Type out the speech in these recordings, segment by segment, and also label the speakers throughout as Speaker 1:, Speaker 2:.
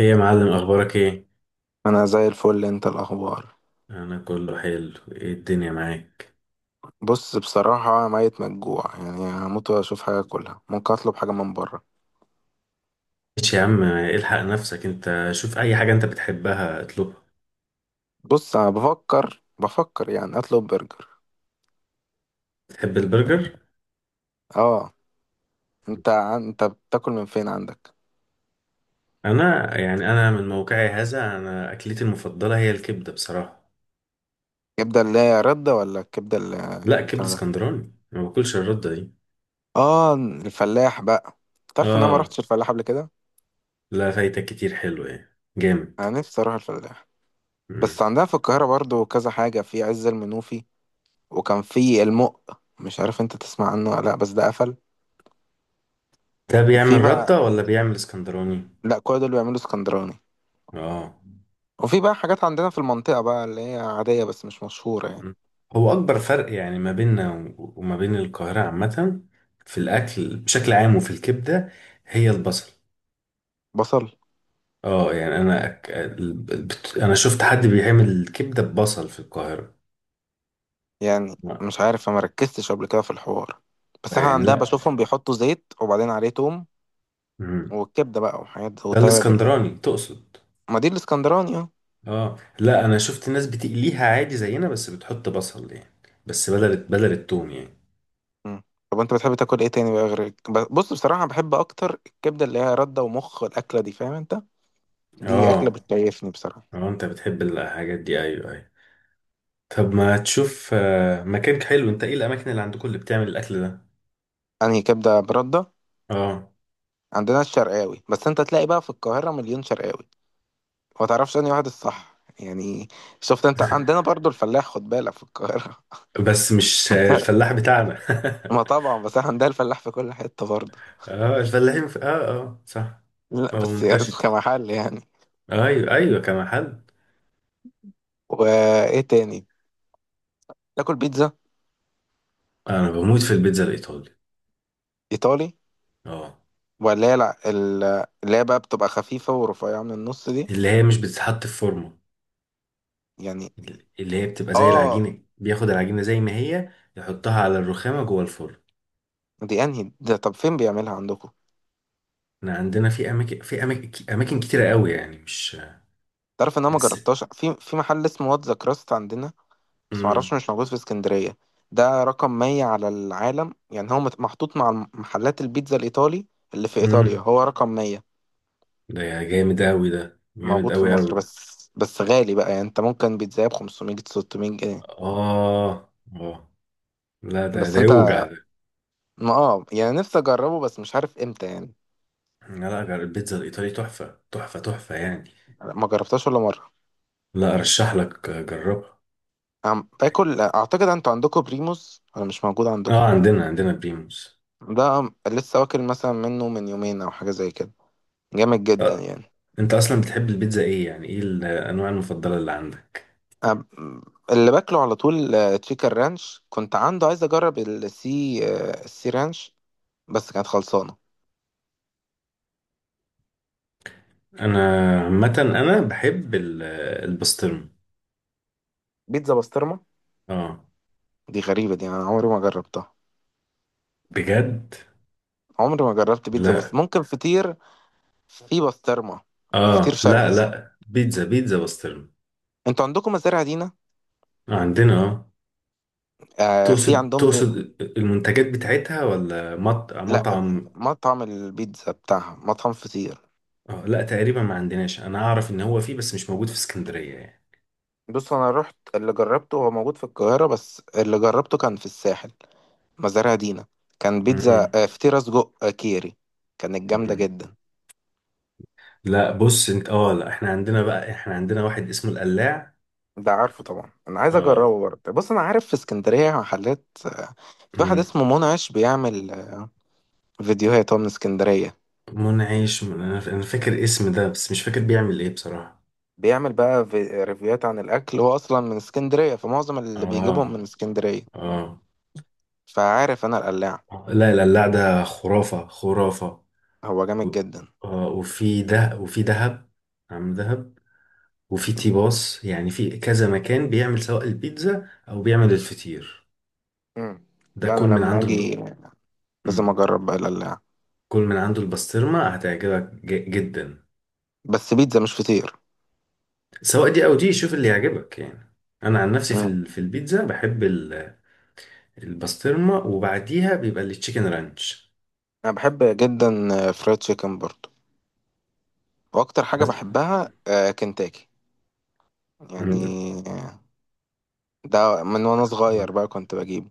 Speaker 1: ايه يا معلم، اخبارك ايه؟
Speaker 2: انا زي الفل. انت الاخبار؟
Speaker 1: انا كله حلو، ايه الدنيا معاك؟
Speaker 2: بص، بصراحه ميت مجوع، يعني هموت واشوف حاجه اكلها. ممكن اطلب حاجه من بره.
Speaker 1: ماشي يا عم، الحق نفسك، انت شوف اي حاجه انت بتحبها اطلبها.
Speaker 2: بص انا بفكر يعني اطلب برجر.
Speaker 1: بتحب البرجر؟
Speaker 2: اه. انت بتاكل من فين عندك؟
Speaker 1: انا من موقعي هذا، انا اكلتي المفضله هي الكبده بصراحه.
Speaker 2: كبده اللي هي رده ولا الكبده اللي...
Speaker 1: لا، كبده
Speaker 2: بتاع ده.
Speaker 1: اسكندراني، ما باكلش الرده دي.
Speaker 2: اه، الفلاح بقى. تعرف ان انا ما
Speaker 1: اه.
Speaker 2: رحتش الفلاح قبل كده.
Speaker 1: لا، فايتك كتير، حلو، ايه جامد.
Speaker 2: انا نفسي اروح الفلاح. بس
Speaker 1: مم.
Speaker 2: عندنا في القاهره برضو كذا حاجه، في عز المنوفي. وكان في المق، مش عارف انت تسمع عنه ولا لا، بس ده قفل.
Speaker 1: ده
Speaker 2: وفي
Speaker 1: بيعمل رده
Speaker 2: بقى...
Speaker 1: ولا بيعمل اسكندراني؟
Speaker 2: لا كل دول بيعملوا اسكندراني.
Speaker 1: اه.
Speaker 2: وفي بقى حاجات عندنا في المنطقة بقى اللي هي عادية بس مش مشهورة يعني.
Speaker 1: مم. هو أكبر فرق، يعني، ما بيننا و- وما بين القاهرة عامة، في الأكل بشكل عام وفي الكبدة، هي البصل.
Speaker 2: بصل
Speaker 1: اه، يعني، أنا أك... ال- بت... أنا شفت حد بيعمل الكبدة ببصل في القاهرة؟
Speaker 2: يعني.
Speaker 1: لا،
Speaker 2: مش عارف، ما ركزتش قبل كده في الحوار. بس احنا
Speaker 1: يعني،
Speaker 2: عندنا
Speaker 1: لا.
Speaker 2: بشوفهم بيحطوا زيت، وبعدين عليه توم،
Speaker 1: مم.
Speaker 2: والكبدة بقى وحاجات
Speaker 1: ده
Speaker 2: وتوابل بقى.
Speaker 1: الإسكندراني تقصد؟
Speaker 2: ما دي الاسكندراني اه.
Speaker 1: اه، لا، أنا شفت ناس بتقليها عادي زينا، بس بتحط بصل يعني. بس بدل التوم يعني.
Speaker 2: مم. طب انت بتحب تاكل ايه تاني بقى، غير بص بصراحة بحب اكتر الكبدة اللي هي ردة ومخ، الأكلة دي، فاهم انت؟ دي أكلة
Speaker 1: اه،
Speaker 2: بتكيفني بصراحة.
Speaker 1: اه. أنت بتحب الحاجات دي؟ أيوه، أيوه. طب ما تشوف مكان حلو. أنت إيه الأماكن اللي عندكم اللي بتعمل الأكل ده؟
Speaker 2: انهي كبدة بردة؟
Speaker 1: اه.
Speaker 2: عندنا الشرقاوي، بس انت تلاقي بقى في القاهرة مليون شرقاوي، ما تعرفش انهي واحد الصح يعني. شفت انت عندنا برضو الفلاح، خد بالك، في القاهرة.
Speaker 1: بس مش الفلاح بتاعنا.
Speaker 2: ما طبعا، بس احنا عندنا الفلاح في كل حتة برضه.
Speaker 1: اه. اه، اه، صح.
Speaker 2: لا
Speaker 1: هو
Speaker 2: بس يعني
Speaker 1: منتشر.
Speaker 2: كمحل يعني.
Speaker 1: ايوه، ايوه، كمحل.
Speaker 2: وايه تاني؟ تاكل بيتزا؟
Speaker 1: انا بموت في البيتزا الايطالي.
Speaker 2: ايطالي
Speaker 1: اه.
Speaker 2: ولا هي، لا ال- اللي هي بقى بتبقى خفيفة ورفيعة من النص دي
Speaker 1: اللي هي مش بتتحط في فورمه.
Speaker 2: يعني.
Speaker 1: اللي هي بتبقى زي
Speaker 2: اه.
Speaker 1: العجينه، بياخد العجينه زي ما هي، يحطها على الرخامه جوه الفرن.
Speaker 2: دي انهي ده؟ طب فين بيعملها عندكم؟
Speaker 1: احنا عندنا في اماكن كتيره قوي، يعني مش
Speaker 2: تعرف ان انا ما
Speaker 1: بس.
Speaker 2: جربتهاش في محل اسمه واتزا كراست عندنا، بس معرفش
Speaker 1: امم.
Speaker 2: مش موجود في اسكندرية. ده رقم 100 على العالم يعني، هو محطوط مع محلات البيتزا الإيطالي اللي في إيطاليا،
Speaker 1: امم.
Speaker 2: هو رقم 100.
Speaker 1: ده جامد قوي، ده جامد
Speaker 2: موجود في
Speaker 1: قوي
Speaker 2: مصر
Speaker 1: قوي.
Speaker 2: بس غالي بقى، يعني انت ممكن بيتزا ب 500 600 جنيه.
Speaker 1: اه، اه. لا، ده
Speaker 2: بس
Speaker 1: ده
Speaker 2: انت،
Speaker 1: يوجع.
Speaker 2: ما اه يعني نفسي اجربه بس مش عارف امتى يعني.
Speaker 1: لا، لا، البيتزا الإيطالي تحفة، تحفة، تحفة يعني.
Speaker 2: ما جربتهاش ولا مرة.
Speaker 1: لا، أرشح لك، جربها.
Speaker 2: عم باكل اعتقد، انتوا عندكم بريموس ولا مش موجود
Speaker 1: اه،
Speaker 2: عندكم؟
Speaker 1: عندنا بريموس.
Speaker 2: ده لسه واكل مثلا منه من يومين او حاجة زي كده. جامد جدا
Speaker 1: آه.
Speaker 2: يعني.
Speaker 1: انت اصلا بتحب البيتزا، ايه يعني ايه الانواع المفضلة اللي عندك؟
Speaker 2: أم- اللي باكله على طول تشيكن رانش. كنت عنده عايز اجرب السي رانش، بس كانت خلصانه.
Speaker 1: انا عامة بحب البسطرمة.
Speaker 2: بيتزا بسطرمه؟
Speaker 1: اه.
Speaker 2: دي غريبه، دي انا عمري ما جربتها.
Speaker 1: بجد؟
Speaker 2: عمري ما جربت بيتزا،
Speaker 1: لا،
Speaker 2: بس ممكن فطير في بسطرمه. فطير
Speaker 1: اه، لا،
Speaker 2: شرقي.
Speaker 1: لا، بيتزا، بيتزا بسطرمة.
Speaker 2: انتوا عندكم مزارع دينا؟
Speaker 1: آه، عندنا، اه.
Speaker 2: آه في
Speaker 1: تقصد
Speaker 2: عندهم ب...
Speaker 1: تقصد المنتجات بتاعتها ولا
Speaker 2: لا،
Speaker 1: مطعم؟
Speaker 2: مطعم البيتزا بتاعها، مطعم فطير.
Speaker 1: آه، لا، تقريبا ما عندناش، انا اعرف ان هو فيه بس مش موجود في اسكندرية يعني.
Speaker 2: بص انا رحت، اللي جربته هو موجود في القاهره، بس اللي جربته كان في الساحل، مزارع دينا. كان بيتزا،
Speaker 1: مم.
Speaker 2: فطيرة سجق كيري. كانت جامدة
Speaker 1: مم.
Speaker 2: جدا.
Speaker 1: لا، بص انت، اه، لا، احنا عندنا واحد اسمه القلاع.
Speaker 2: ده عارفه طبعا، انا عايز
Speaker 1: اه.
Speaker 2: اجربه برضه. بص انا عارف في اسكندرية محلات، في واحد
Speaker 1: مم.
Speaker 2: اسمه منعش، بيعمل فيديوهات، هو من اسكندرية.
Speaker 1: منعش، انا فاكر اسم ده بس مش فاكر بيعمل ايه بصراحة.
Speaker 2: بيعمل بقى ريفيوهات عن الاكل، هو اصلا من اسكندرية، فمعظم اللي بيجيبهم من
Speaker 1: اه،
Speaker 2: اسكندرية.
Speaker 1: اه.
Speaker 2: فعارف انا القلاع،
Speaker 1: لا، القلاع ده خرافة، خرافة.
Speaker 2: هو
Speaker 1: و-
Speaker 2: جامد جدا.
Speaker 1: اه، وفي ده، وفي دهب. عم دهب. وفي تيباس، يعني في كذا مكان بيعمل سواء البيتزا او بيعمل الفطير.
Speaker 2: مم.
Speaker 1: ده
Speaker 2: لا
Speaker 1: كل
Speaker 2: انا
Speaker 1: من
Speaker 2: لما
Speaker 1: عنده.
Speaker 2: اجي لازم
Speaker 1: مم.
Speaker 2: اجرب بقى القلاع،
Speaker 1: كل من عنده البسطرمة هتعجبك جدا.
Speaker 2: بس بيتزا مش فطير.
Speaker 1: سواء دي او دي، شوف اللي يعجبك يعني. انا عن نفسي
Speaker 2: مم.
Speaker 1: في البيتزا بحب البسطرمه، وبعديها بيبقى التشيكن رانش.
Speaker 2: انا بحب جدا فرايد تشيكن برضه. واكتر حاجه
Speaker 1: بس.
Speaker 2: بحبها كنتاكي يعني.
Speaker 1: مم.
Speaker 2: آه، ده من وانا
Speaker 1: آه.
Speaker 2: صغير بقى كنت بجيبه.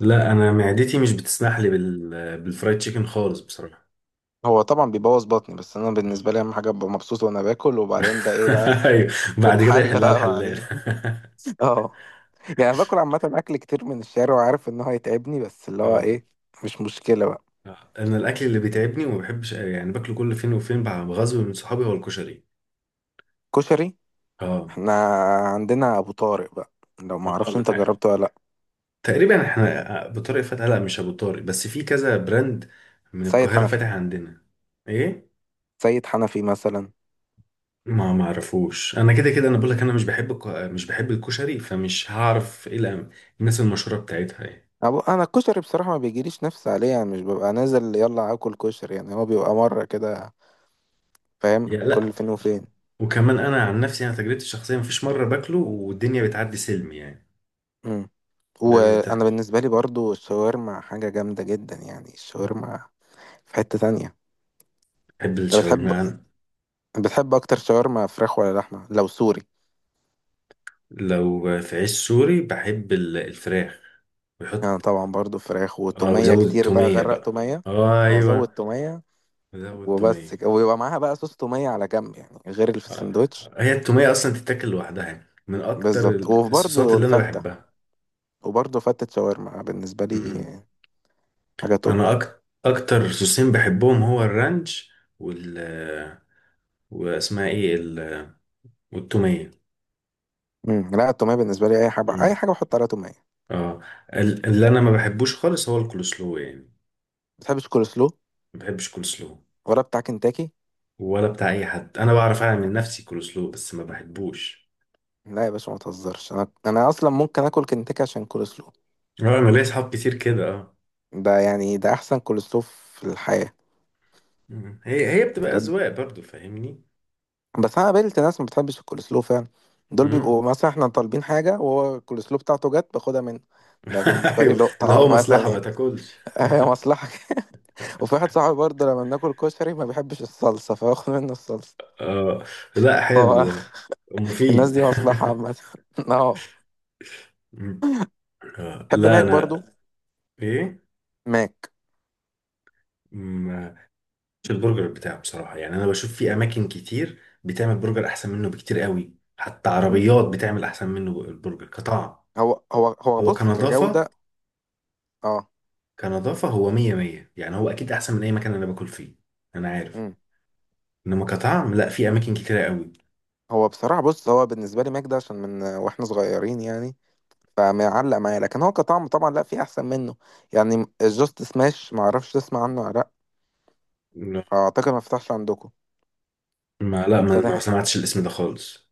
Speaker 1: لا، انا معدتي مش بتسمح لي بالفرايد تشيكن خالص بصراحه.
Speaker 2: هو طبعا بيبوظ بطني، بس انا بالنسبه لي اهم حاجه ابقى مبسوط وانا باكل، وبعدين ده ايه بقى،
Speaker 1: ايوه. بعد كده
Speaker 2: تتحل
Speaker 1: يحلها
Speaker 2: بقى
Speaker 1: الحلال.
Speaker 2: بعدين. اه. يعني باكل عامه اكل كتير من الشارع، وعارف ان هو هيتعبني، بس اللي هو
Speaker 1: اه.
Speaker 2: ايه، مش مشكله بقى.
Speaker 1: انا الاكل اللي بيتعبني وما بحبش، يعني، باكله كل فين وفين، بغزو من صحابي، هو الكشري.
Speaker 2: كشري.
Speaker 1: اه.
Speaker 2: احنا عندنا ابو طارق بقى، لو ما
Speaker 1: اه،
Speaker 2: اعرفش انت جربته ولا لا.
Speaker 1: تقريبا احنا. ابو طارق فتح، لا، مش ابو طارق، بس في كذا براند من
Speaker 2: سيد
Speaker 1: القاهره
Speaker 2: حنفي،
Speaker 1: فاتح عندنا. ايه؟
Speaker 2: سيد حنفي مثلا.
Speaker 1: ما معرفوش، انا كده كده انا بقول لك، انا مش بحب مش بحب الكشري، فمش هعرف ايه الناس المشهوره بتاعتها ايه؟
Speaker 2: انا الكشري بصراحه ما بيجيليش نفس عليه يعني، مش ببقى نازل يلا اكل كشري يعني، هو بيبقى مره كده فاهم،
Speaker 1: يا
Speaker 2: كل
Speaker 1: لا.
Speaker 2: فين وفين.
Speaker 1: وكمان انا عن نفسي تجربتي الشخصيه مفيش مره باكله والدنيا بتعدي سلم يعني.
Speaker 2: امم.
Speaker 1: دايما
Speaker 2: وانا
Speaker 1: بتاع.
Speaker 2: بالنسبه لي برضو الشاورما حاجه جامده جدا يعني، الشاورما، في حته تانية.
Speaker 1: بحب
Speaker 2: انت بتحب،
Speaker 1: الشاورما أنا.
Speaker 2: بتحب اكتر شاورما فراخ ولا لحمه لو سوري؟
Speaker 1: لو في عيش سوري، بحب الفراخ.
Speaker 2: انا
Speaker 1: ويحط.
Speaker 2: طبعا برضو فراخ
Speaker 1: اه،
Speaker 2: وتوميه
Speaker 1: وزود
Speaker 2: كتير بقى،
Speaker 1: التوميه
Speaker 2: غرق
Speaker 1: بقى،
Speaker 2: توميه، او ازود
Speaker 1: ايوه.
Speaker 2: توميه.
Speaker 1: زود
Speaker 2: وبس
Speaker 1: توميه.
Speaker 2: كده. ويبقى معاها بقى صوص توميه على جنب يعني، غير اللي في
Speaker 1: آه،
Speaker 2: السندوتش.
Speaker 1: هي التومية أصلا تتاكل لوحدها، يعني من أكتر
Speaker 2: بالظبط.
Speaker 1: الصوصات
Speaker 2: وبرضو
Speaker 1: اللي أنا
Speaker 2: الفته،
Speaker 1: بحبها.
Speaker 2: وبرضه فتة شاورما بالنسبة لي
Speaker 1: مم.
Speaker 2: حاجه توب.
Speaker 1: أكتر صوصين بحبهم هو الرانش وال واسمها إيه والتومية.
Speaker 2: امم. لا التوميه بالنسبه لي، اي حاجه، اي
Speaker 1: مم.
Speaker 2: حاجه بحط عليها توميه.
Speaker 1: اه. اللي أنا ما بحبوش خالص هو الكولسلو يعني.
Speaker 2: بتحب الكول سلو،
Speaker 1: ما بحبش كولسلو.
Speaker 2: ولا بتاع كنتاكي؟
Speaker 1: ولا بتاع أي حد، أنا بعرف أعمل من نفسي كولسلو بس ما بحبوش.
Speaker 2: لا يا باشا ما تهزرش، انا اصلا ممكن اكل كنتاكي عشان كول سلو.
Speaker 1: اه، أنا ليا صحاب كتير كده، اه.
Speaker 2: ده يعني ده احسن كول سلو في الحياه.
Speaker 1: مم. هي بتبقى
Speaker 2: بجد.
Speaker 1: أذواق برضو، فاهمني.
Speaker 2: بس انا قابلت ناس ما بتحبش الكول سلو فعلا. دول
Speaker 1: مم.
Speaker 2: بيبقوا مثلا احنا طالبين حاجه، وهو الكول سلو بتاعته جت باخدها منه. ده بالنسبه لي
Speaker 1: ايوه،
Speaker 2: لقطه
Speaker 1: اللي هو
Speaker 2: عامه
Speaker 1: مصلحة ما
Speaker 2: يعني.
Speaker 1: تاكلش.
Speaker 2: هي مصلحه. وفي واحد صاحبي برضه لما بناكل كشري ما بيحبش الصلصه، فباخد منه الصلصه.
Speaker 1: آه، لا،
Speaker 2: فهو،
Speaker 1: حلو ده.
Speaker 2: الناس
Speaker 1: مفيد.
Speaker 2: دي مصلحه عامه. اه.
Speaker 1: مم. آه،
Speaker 2: بحب
Speaker 1: لا،
Speaker 2: ماك برضو.
Speaker 1: انا. ايه؟
Speaker 2: ماك.
Speaker 1: مم، مش البرجر بتاعه بصراحه، يعني انا بشوف في اماكن كتير بتعمل برجر احسن منه بكتير قوي، حتى
Speaker 2: مم.
Speaker 1: عربيات بتعمل احسن منه البرجر كطعم.
Speaker 2: هو
Speaker 1: هو
Speaker 2: بص، كجودة،
Speaker 1: كنظافه.
Speaker 2: اه.
Speaker 1: كنظافه هو مية مية، يعني هو اكيد احسن من اي مكان انا باكل فيه. انا عارف.
Speaker 2: مم.
Speaker 1: انما كطعم، لا، في اماكن كتيره قوي.
Speaker 2: هو بصراحة، بص، هو بالنسبة لي ماك ده عشان من واحنا صغيرين يعني، فمعلق معايا. لكن هو كطعم طبعا، لا في احسن منه يعني. الجاست سماش، ما اعرفش تسمع عنه ولا لا، اعتقد ما فتحش عندكم.
Speaker 1: ما، لا، ما
Speaker 2: فتح؟
Speaker 1: سمعتش الاسم ده خالص.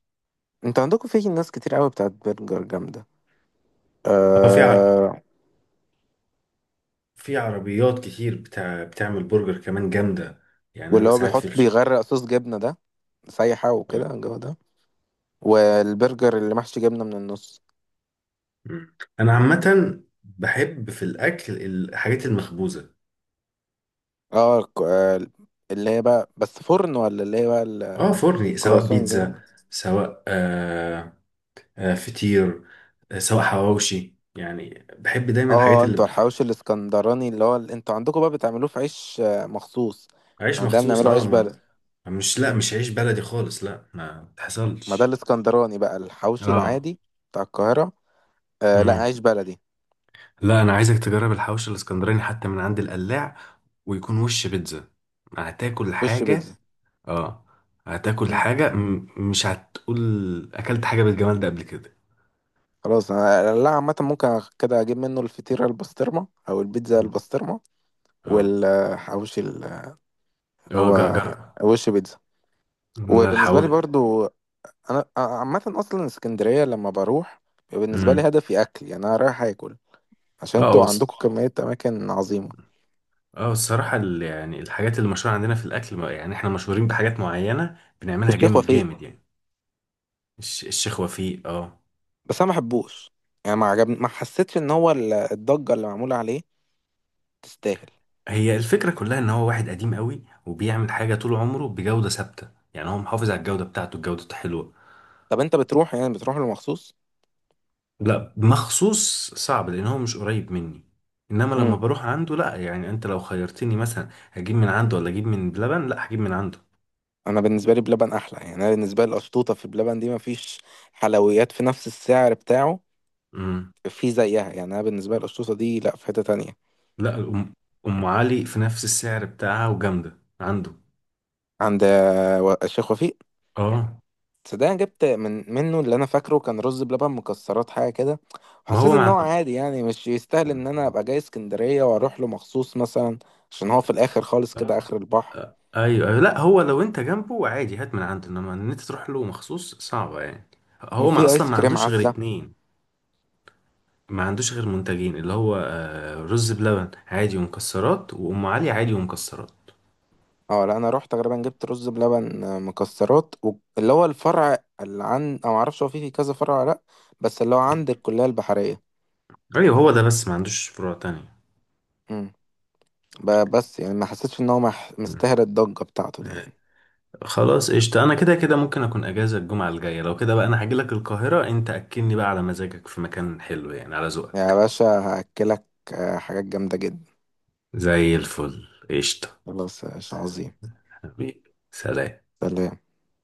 Speaker 2: انت عندكم في ناس كتير قوي بتاعت برجر جامدة.
Speaker 1: اه،
Speaker 2: آه...
Speaker 1: في عربيات كتير بتاع بتعمل برجر كمان جامدة. يعني
Speaker 2: واللي
Speaker 1: أنا
Speaker 2: هو
Speaker 1: ساعات في
Speaker 2: بيحط،
Speaker 1: الش...
Speaker 2: بيغرق صوص جبنة ده، سايحة وكده، الجو ده. والبرجر اللي محشي جبنة من النص.
Speaker 1: مم. أنا عامة بحب في الأكل الحاجات المخبوزة.
Speaker 2: اه، اللي هي بقى بس فرن، ولا اللي هي بقى
Speaker 1: اه، فرني، سواء
Speaker 2: الكرواسون دي
Speaker 1: بيتزا،
Speaker 2: بقى؟
Speaker 1: سواء فطير، سواء حواوشي، يعني بحب دايما الحاجات
Speaker 2: اه
Speaker 1: اللي
Speaker 2: انتوا
Speaker 1: مخ...
Speaker 2: الحواوشي الاسكندراني اللي هو انتوا عندكم بقى بتعملوه في عيش مخصوص. احنا
Speaker 1: عيش
Speaker 2: عندنا
Speaker 1: مخصوص،
Speaker 2: بنعمله
Speaker 1: اه،
Speaker 2: عيش
Speaker 1: ما.
Speaker 2: بلد.
Speaker 1: مش لا مش عيش بلدي خالص، لا، ما
Speaker 2: ما ده
Speaker 1: تحصلش.
Speaker 2: الاسكندراني بقى الحواوشي
Speaker 1: اه.
Speaker 2: العادي بتاع القاهرة. آه لا،
Speaker 1: مم.
Speaker 2: عيش بلدي.
Speaker 1: لا، انا عايزك تجرب الحوش الاسكندراني حتى من عند القلاع. ويكون وش بيتزا. هتاكل
Speaker 2: وش
Speaker 1: حاجه.
Speaker 2: بيتزا.
Speaker 1: اه. هتاكل
Speaker 2: مم.
Speaker 1: حاجه، مش هتقول اكلت حاجه بالجمال ده قبل كده.
Speaker 2: خلاص انا، لا عامة ممكن كده اجيب منه الفطيرة البسطرمة او البيتزا
Speaker 1: مم.
Speaker 2: البسطرمة.
Speaker 1: اه،
Speaker 2: والحواوشي اللي
Speaker 1: اه، جر،
Speaker 2: هو
Speaker 1: جر.
Speaker 2: وش بيتزا.
Speaker 1: من
Speaker 2: وبالنسبة لي
Speaker 1: الحوش.
Speaker 2: برضو، انا عامه اصلا اسكندريه لما بروح بيبقى بالنسبه لي
Speaker 1: امم.
Speaker 2: هدفي اكل يعني، انا رايح اكل، عشان
Speaker 1: اه،
Speaker 2: انتوا عندكم كميه اماكن عظيمه.
Speaker 1: اه، الصراحه يعني الحاجات اللي مشهوره عندنا في الاكل، يعني احنا مشهورين بحاجات معينه بنعملها
Speaker 2: والشيخ
Speaker 1: جامد
Speaker 2: وفيق،
Speaker 1: جامد، يعني. الشيخ وفيق، اه.
Speaker 2: بس انا ما بحبوش يعني، ما عجبني، ما حسيتش ان هو الضجه اللي معموله عليه تستاهل.
Speaker 1: هي الفكرة كلها ان هو واحد قديم قوي وبيعمل حاجة طول عمره بجودة ثابتة. يعني هو محافظ على الجودة بتاعته، الجودة حلوة.
Speaker 2: طب انت بتروح يعني، بتروح له مخصوص؟
Speaker 1: لا، مخصوص صعب لان هو مش قريب مني. انما لما
Speaker 2: امم.
Speaker 1: بروح عنده، لا، يعني انت لو خيرتني مثلا هجيب من عنده ولا اجيب من بلبن، لا، هجيب من عنده.
Speaker 2: انا بالنسبه لي بلبن احلى، يعني انا بالنسبه لي القشطوطه في بلبن دي، ما فيش حلويات في نفس السعر بتاعه
Speaker 1: امم.
Speaker 2: في زيها يعني. انا بالنسبه لي القشطوطه دي لا في حته تانية.
Speaker 1: لا، أم علي في نفس السعر بتاعها وجامدة عنده.
Speaker 2: عند الشيخ وفيق،
Speaker 1: اه،
Speaker 2: صدق أنا جبت من منه، اللي انا فاكره كان رز بلبن مكسرات حاجه كده،
Speaker 1: ما
Speaker 2: وحسيت
Speaker 1: هو، ما
Speaker 2: ان هو
Speaker 1: عنده.
Speaker 2: عادي يعني، مش يستاهل ان انا ابقى جاي اسكندريه واروح له مخصوص مثلا، عشان هو في الاخر خالص كده،
Speaker 1: آه.
Speaker 2: اخر البحر.
Speaker 1: آه. ايوه، أيوة. لا، هو لو انت جنبه عادي هات من عنده، انما ان انت تروح له مخصوص صعبه يعني. هو ما
Speaker 2: وفي
Speaker 1: اصلا
Speaker 2: ايس
Speaker 1: ما
Speaker 2: كريم
Speaker 1: عندوش غير
Speaker 2: عزه.
Speaker 1: اتنين. ما عندوش غير منتجين، اللي هو رز بلبن عادي ومكسرات، وام علي عادي ومكسرات.
Speaker 2: اه لا، انا رحت غالبا، جبت رز بلبن مكسرات اللي هو الفرع اللي عن، او معرفش هو في كذا فرع ولا لا، بس اللي هو عند الكليه البحريه.
Speaker 1: ايوه، هو ده، بس ما عندوش فروع تانية.
Speaker 2: امم. بس يعني ما حسيتش ان هو
Speaker 1: مم.
Speaker 2: مستاهل الضجه بتاعته دي يعني.
Speaker 1: خلاص، قشطة. انا كده كده ممكن اكون اجازة الجمعة الجاية، لو كده بقى انا هاجيلك القاهرة، انت اكلني بقى على مزاجك في مكان حلو، يعني على
Speaker 2: يا
Speaker 1: ذوقك.
Speaker 2: باشا هاكلك حاجات جامده جدا.
Speaker 1: زي الفل، قشطة.
Speaker 2: خلاص يا باشا، عظيم.
Speaker 1: حبيبي. سلام.
Speaker 2: سلام.